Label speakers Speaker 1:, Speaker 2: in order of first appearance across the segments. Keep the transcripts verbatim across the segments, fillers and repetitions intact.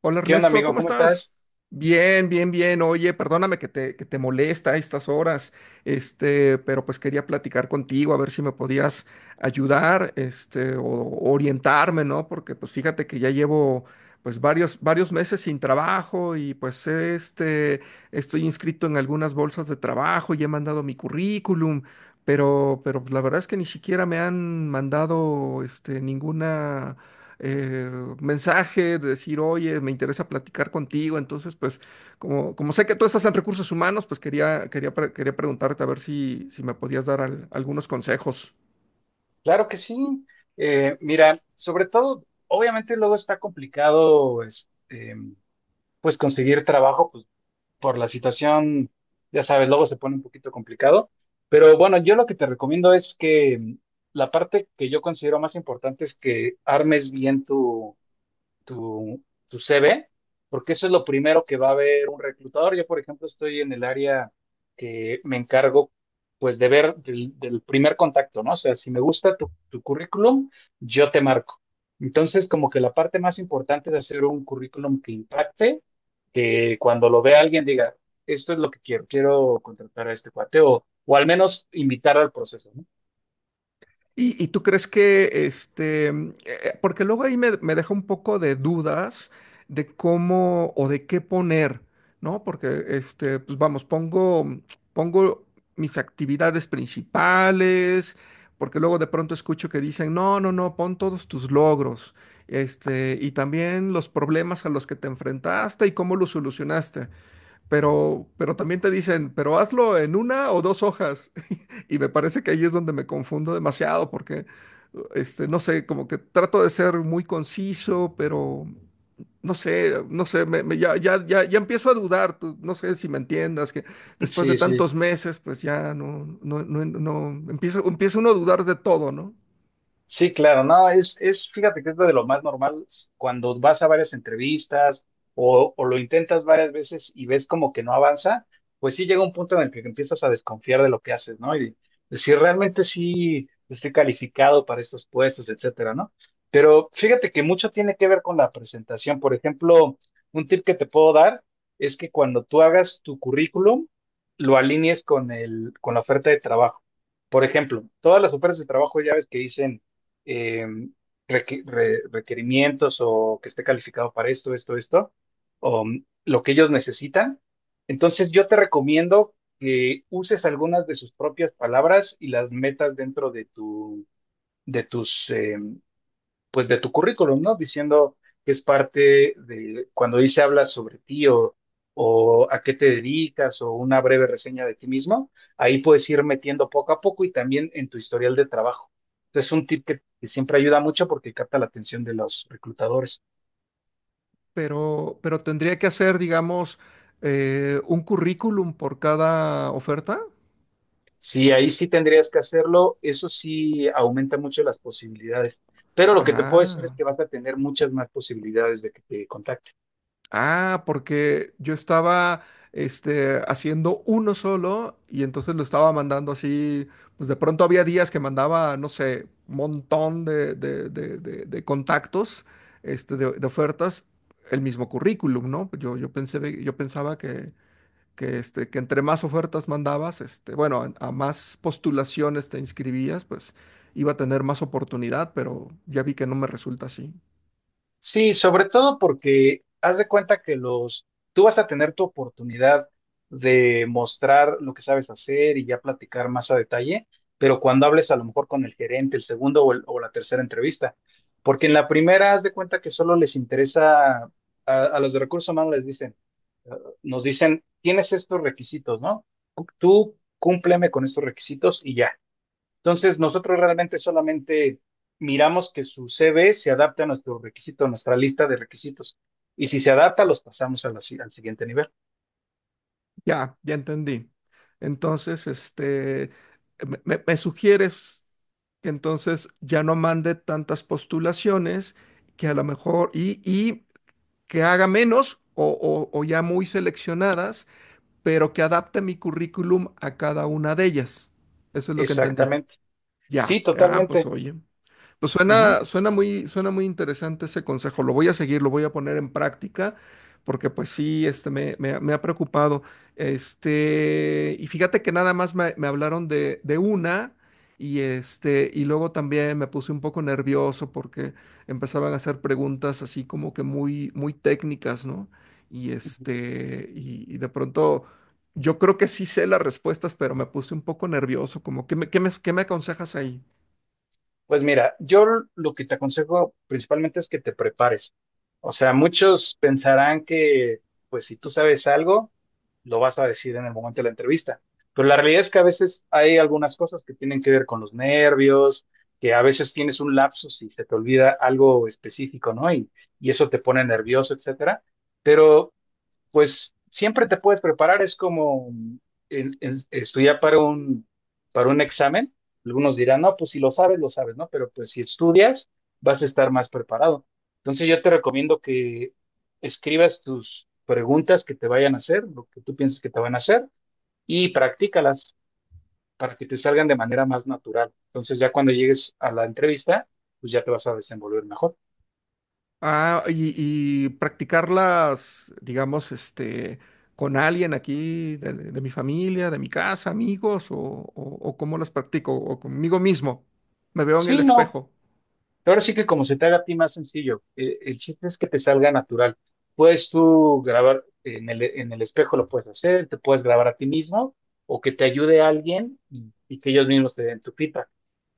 Speaker 1: Hola
Speaker 2: ¿Qué onda,
Speaker 1: Ernesto,
Speaker 2: amigo?
Speaker 1: ¿cómo
Speaker 2: ¿Cómo
Speaker 1: estás?
Speaker 2: estás?
Speaker 1: Bien, bien, bien. Oye, perdóname que te, que te molesta a estas horas, este, pero pues quería platicar contigo a ver si me podías ayudar, este, o o orientarme, ¿no? Porque pues fíjate que ya llevo pues varios, varios meses sin trabajo y pues este, estoy inscrito en algunas bolsas de trabajo y he mandado mi currículum, pero, pero pues, la verdad es que ni siquiera me han mandado, este, ninguna eh, mensaje de decir, oye, me interesa platicar contigo. Entonces, pues, como, como sé que tú estás en recursos humanos, pues quería, quería, pre- quería preguntarte a ver si, si me podías dar al- algunos consejos.
Speaker 2: Claro que sí. Eh, mira, sobre todo, obviamente luego está complicado, este, pues conseguir trabajo pues, por la situación, ya sabes, luego se pone un poquito complicado. Pero bueno, yo lo que te recomiendo es que mm, la parte que yo considero más importante es que armes bien tu tu, tu C V, porque eso es lo primero que va a ver un reclutador. Yo, por ejemplo, estoy en el área que me encargo, pues, de ver del, del primer contacto, ¿no? O sea, si me gusta tu, tu currículum, yo te marco. Entonces, como que la parte más importante es hacer un currículum que impacte, que cuando lo vea alguien diga, esto es lo que quiero, quiero contratar a este cuate, o, o al menos invitar al proceso, ¿no?
Speaker 1: ¿Y, y tú crees que, este, mm, eh, eh, porque luego ahí me, me deja un poco de dudas de cómo o de qué poner, ¿no? Porque, este, pues vamos, pongo, mm, pongo mis actividades principales, porque luego de pronto escucho que dicen, no, no, no, pon todos tus logros, este, y también los problemas a los que te enfrentaste y cómo los solucionaste. Pero, pero también te dicen, pero hazlo en una o dos hojas. Y me parece que ahí es donde me confundo demasiado, porque, este, no sé, como que trato de ser muy conciso, pero no sé, no sé, me, me- ya, ya, ya, ya empiezo a dudar. Tú- no sé si me entiendas, que después de
Speaker 2: Sí, sí.
Speaker 1: tantos meses, pues ya no, no, no, no, empieza, empieza uno a dudar de todo, ¿no?
Speaker 2: Sí, claro, no, es, es, fíjate que es de lo más normal cuando vas a varias entrevistas o, o lo intentas varias veces y ves como que no avanza, pues sí llega un punto en el que empiezas a desconfiar de lo que haces, ¿no? Y decir, realmente sí estoy calificado para estos puestos, etcétera, ¿no? Pero fíjate que mucho tiene que ver con la presentación. Por ejemplo, un tip que te puedo dar es que cuando tú hagas tu currículum, lo alinees con el, con la oferta de trabajo. Por ejemplo, todas las ofertas de trabajo ya ves que dicen eh, requ- re- requerimientos o que esté calificado para esto, esto, esto, o mm, lo que ellos necesitan. Entonces yo te recomiendo que uses algunas de sus propias palabras y las metas dentro de tu, de tus, eh, pues de tu currículum, ¿no? Diciendo que es parte de cuando dice habla sobre ti o, o a qué te dedicas o una breve reseña de ti mismo, ahí puedes ir metiendo poco a poco y también en tu historial de trabajo. Es un tip que, que siempre ayuda mucho porque capta la atención de los reclutadores.
Speaker 1: Pero, pero tendría que hacer, digamos, eh, un currículum por cada oferta.
Speaker 2: Sí, ahí sí tendrías que hacerlo, eso sí aumenta mucho las posibilidades, pero lo que te puedo decir es
Speaker 1: Ah.
Speaker 2: que vas a tener muchas más posibilidades de que te contacten.
Speaker 1: Ah, porque yo estaba este, haciendo uno solo y entonces lo estaba mandando así, pues de pronto había días que mandaba, no sé, un montón de, de- de- de- de contactos, este, de, de ofertas, el mismo currículum, ¿no? Yo, yo pensé, yo pensaba que, que, este, que entre más ofertas mandabas, este, bueno, a, a más postulaciones te inscribías, pues iba a tener más oportunidad, pero ya vi que no me resulta así.
Speaker 2: Sí, sobre todo porque haz de cuenta que los, tú vas a tener tu oportunidad de mostrar lo que sabes hacer y ya platicar más a detalle, pero cuando hables a lo mejor con el gerente, el segundo o, el- o la tercera entrevista, porque en la primera haz de cuenta que solo les interesa a, a los de recursos humanos les dicen, eh, nos dicen, tienes estos requisitos, ¿no? Tú cúmpleme con estos requisitos y ya. Entonces, nosotros realmente solamente miramos que su C V se adapte a nuestro requisito, a nuestra lista de requisitos. Y si se adapta, los pasamos a la si- al siguiente nivel.
Speaker 1: Ya, ya entendí. Entonces, este, me, me- me sugieres que entonces ya no mande tantas postulaciones, que a lo mejor, y, y que haga menos o, o o ya muy seleccionadas, pero que adapte mi currículum a cada una de ellas. Eso es lo que entendí.
Speaker 2: Exactamente. Sí,
Speaker 1: Ya, ah, pues
Speaker 2: totalmente.
Speaker 1: oye. Pues
Speaker 2: Ujú.
Speaker 1: suena, suena muy, suena muy interesante ese consejo. Lo voy a seguir, lo voy a poner en práctica, porque pues sí, este, me, me, ha me ha preocupado. Este, y fíjate que nada más me, me hablaron de, de una, y este, y luego también me puse un poco nervioso porque empezaban a hacer preguntas así como que muy, muy técnicas, ¿no? Y este, y, y de pronto. Yo creo que sí sé las respuestas, pero me puse un poco nervioso, como, ¿qué me, qué me, qué me aconsejas ahí?
Speaker 2: Pues mira, yo lo que te aconsejo principalmente es que te prepares. O sea, muchos pensarán que, pues si tú sabes algo, lo vas a decir en el momento de la entrevista. Pero la realidad es que a veces hay algunas cosas que tienen que ver con los nervios, que a veces tienes un lapsus y se te olvida algo específico, ¿no? Y, y eso te pone nervioso, etcétera. Pero pues siempre te puedes preparar, es como en- en- estudiar para un, para un examen. Algunos dirán, no, pues si lo sabes, lo sabes, ¿no? Pero pues si estudias, vas a estar más preparado. Entonces yo te recomiendo que escribas tus preguntas que te vayan a hacer, lo que tú piensas que te van a hacer, y practícalas para que te salgan de manera más natural. Entonces ya cuando llegues a la entrevista, pues ya te vas a desenvolver mejor.
Speaker 1: Ah, y, y practicarlas, digamos, este, con alguien aquí de, de mi familia, de mi casa, amigos, o, o, o cómo las practico, o conmigo mismo. Me veo en el
Speaker 2: Sí, no,
Speaker 1: espejo.
Speaker 2: ahora sí que como se te haga a ti más sencillo, eh, el chiste es que te salga natural. Puedes tú grabar en el, en el espejo, lo puedes hacer, te puedes grabar a ti mismo o que te ayude alguien y, y que ellos mismos te den tu pipa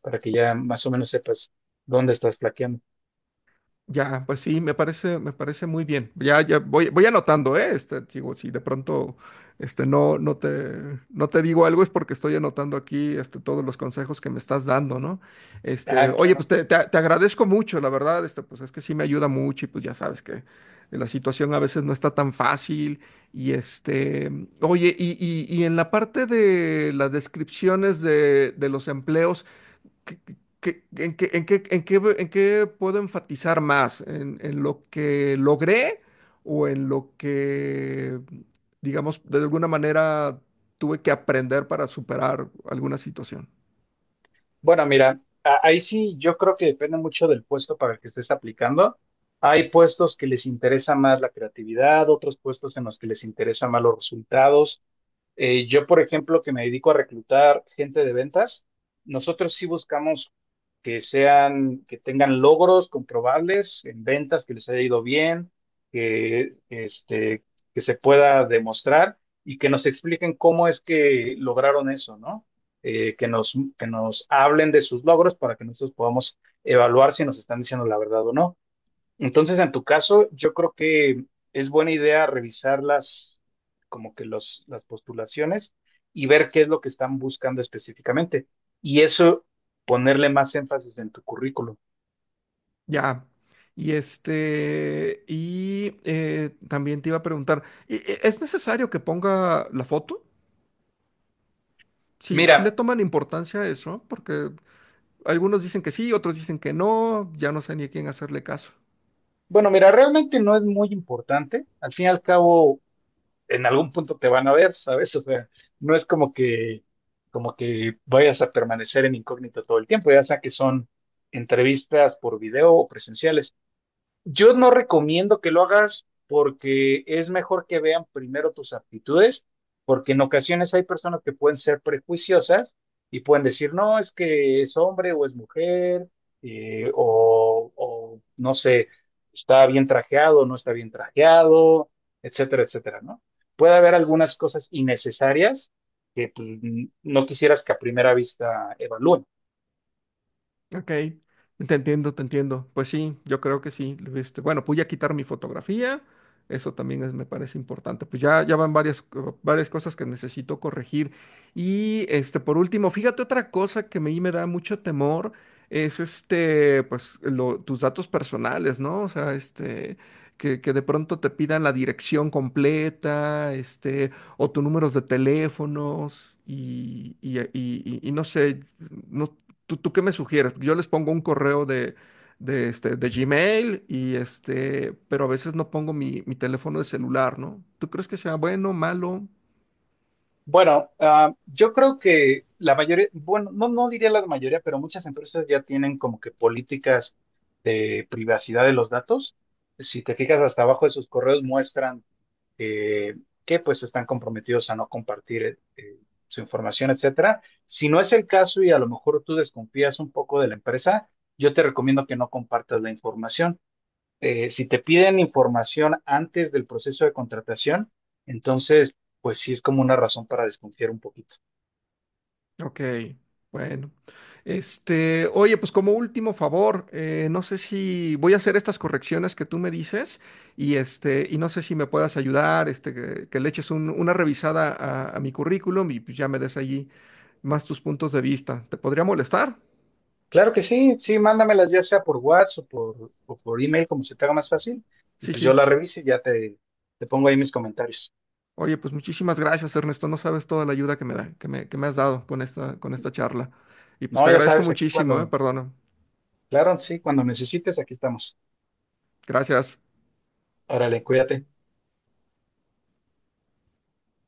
Speaker 2: para que ya más o menos sepas dónde estás plaqueando.
Speaker 1: Ya, pues sí, me parece, me parece muy bien. Ya, ya voy, voy anotando, ¿eh? Este, digo, si de pronto este, no, no te, no te digo algo es porque estoy anotando aquí este, todos los consejos que me estás dando, ¿no? Este,
Speaker 2: Ah,
Speaker 1: oye,
Speaker 2: claro.
Speaker 1: pues te, te- te agradezco mucho, la verdad, este, pues es que sí me ayuda mucho y pues ya sabes que la situación a veces no está tan fácil. Y este, oye, y, y- y en la parte de las descripciones de, de los empleos. ¿qué- qué- qué- en qué, en qué, en qué, en qué puedo enfatizar más? ¿En, en lo que logré o en lo que, digamos, de alguna manera tuve que aprender para superar alguna situación?
Speaker 2: Bueno, mira, a- ahí sí yo creo que depende mucho del puesto para el que estés aplicando. Hay puestos que les interesa más la creatividad, otros puestos en los que les interesa más los resultados. Eh, yo, por ejemplo, que me dedico a reclutar gente de ventas, nosotros sí buscamos que sean, que tengan logros comprobables en ventas, que les haya ido bien, que, este, que se pueda demostrar y que nos expliquen cómo es que lograron eso, ¿no? Eh, que nos, que nos hablen de sus logros para que nosotros podamos evaluar si nos están diciendo la verdad o no. Entonces, en tu caso, yo creo que es buena idea revisar las, como que los, las postulaciones y ver qué es lo que están buscando específicamente. Y eso, ponerle más énfasis en tu currículum.
Speaker 1: Ya. Y este, y eh, también te iba a preguntar, ¿y- y ¿es necesario que ponga la foto? Sí,
Speaker 2: Mira,
Speaker 1: sí le toman importancia a eso, porque algunos dicen que sí, otros dicen que no, ya no sé ni a quién hacerle caso.
Speaker 2: bueno, mira, realmente no es muy importante. Al fin y al cabo, en algún punto te van a ver, ¿sabes? O sea, no es como que, como que vayas a permanecer en incógnito todo el tiempo, ya sea que son entrevistas por video o presenciales. Yo no recomiendo que lo hagas porque es mejor que vean primero tus aptitudes, porque en ocasiones hay personas que pueden ser prejuiciosas y pueden decir, no, es que es hombre o es mujer, eh, o, o no sé, está bien trajeado o no está bien trajeado, etcétera, etcétera, ¿no? Puede haber algunas cosas innecesarias que pues, n- no quisieras que a primera vista evalúen.
Speaker 1: Ok, te entiendo, te entiendo. Pues sí, yo creo que sí. este, bueno, pude quitar mi fotografía, eso también es- me parece importante. Pues ya, ya van varias, co- varias cosas que necesito corregir. Y este, por último, fíjate otra cosa que a mí me da mucho temor, es este, pues lo- tus datos personales, ¿no? O sea, este, que, que de pronto te pidan la dirección completa, este, o tus números de teléfonos, y, y y- y- y no sé. No. ¿Tú, tú qué me sugieres? Yo les pongo un correo de, de, este, de Gmail y este, pero a veces no pongo mi, mi teléfono de celular, ¿no? ¿Tú crees que sea bueno, malo?
Speaker 2: Bueno, ah, yo creo que la mayoría, bueno, no, no diría la mayoría, pero muchas empresas ya tienen como que políticas de privacidad de los datos. Si te fijas hasta abajo de sus correos muestran eh, que pues están comprometidos a no compartir eh, su información, etcétera. Si no es el caso y a lo mejor tú desconfías un poco de la empresa, yo te recomiendo que no compartas la información, eh, si te piden información antes del proceso de contratación, entonces, pues sí es como una razón para desconfiar un poquito.
Speaker 1: Ok, bueno. Este, oye, pues como último favor, eh, no sé si voy a hacer estas correcciones que tú me dices y este, y no sé si me puedas ayudar, este, que, que le eches un- una revisada a, a mi currículum y pues, ya me des allí más tus puntos de vista. ¿Te podría molestar?
Speaker 2: Claro que sí, sí, mándamelas ya sea por WhatsApp o por, o por email, como se te haga más fácil, y
Speaker 1: Sí,
Speaker 2: pues yo la
Speaker 1: sí.
Speaker 2: reviso y ya te, te pongo ahí mis comentarios.
Speaker 1: Oye, pues muchísimas gracias, Ernesto. No sabes toda la ayuda que me da, que me, que me has dado con esta, con esta charla. Y pues
Speaker 2: No,
Speaker 1: te
Speaker 2: ya
Speaker 1: agradezco
Speaker 2: sabes, aquí
Speaker 1: muchísimo, ¿eh?
Speaker 2: cuando,
Speaker 1: Perdona.
Speaker 2: claro, sí, cuando necesites, aquí estamos.
Speaker 1: Gracias.
Speaker 2: Órale, cuídate.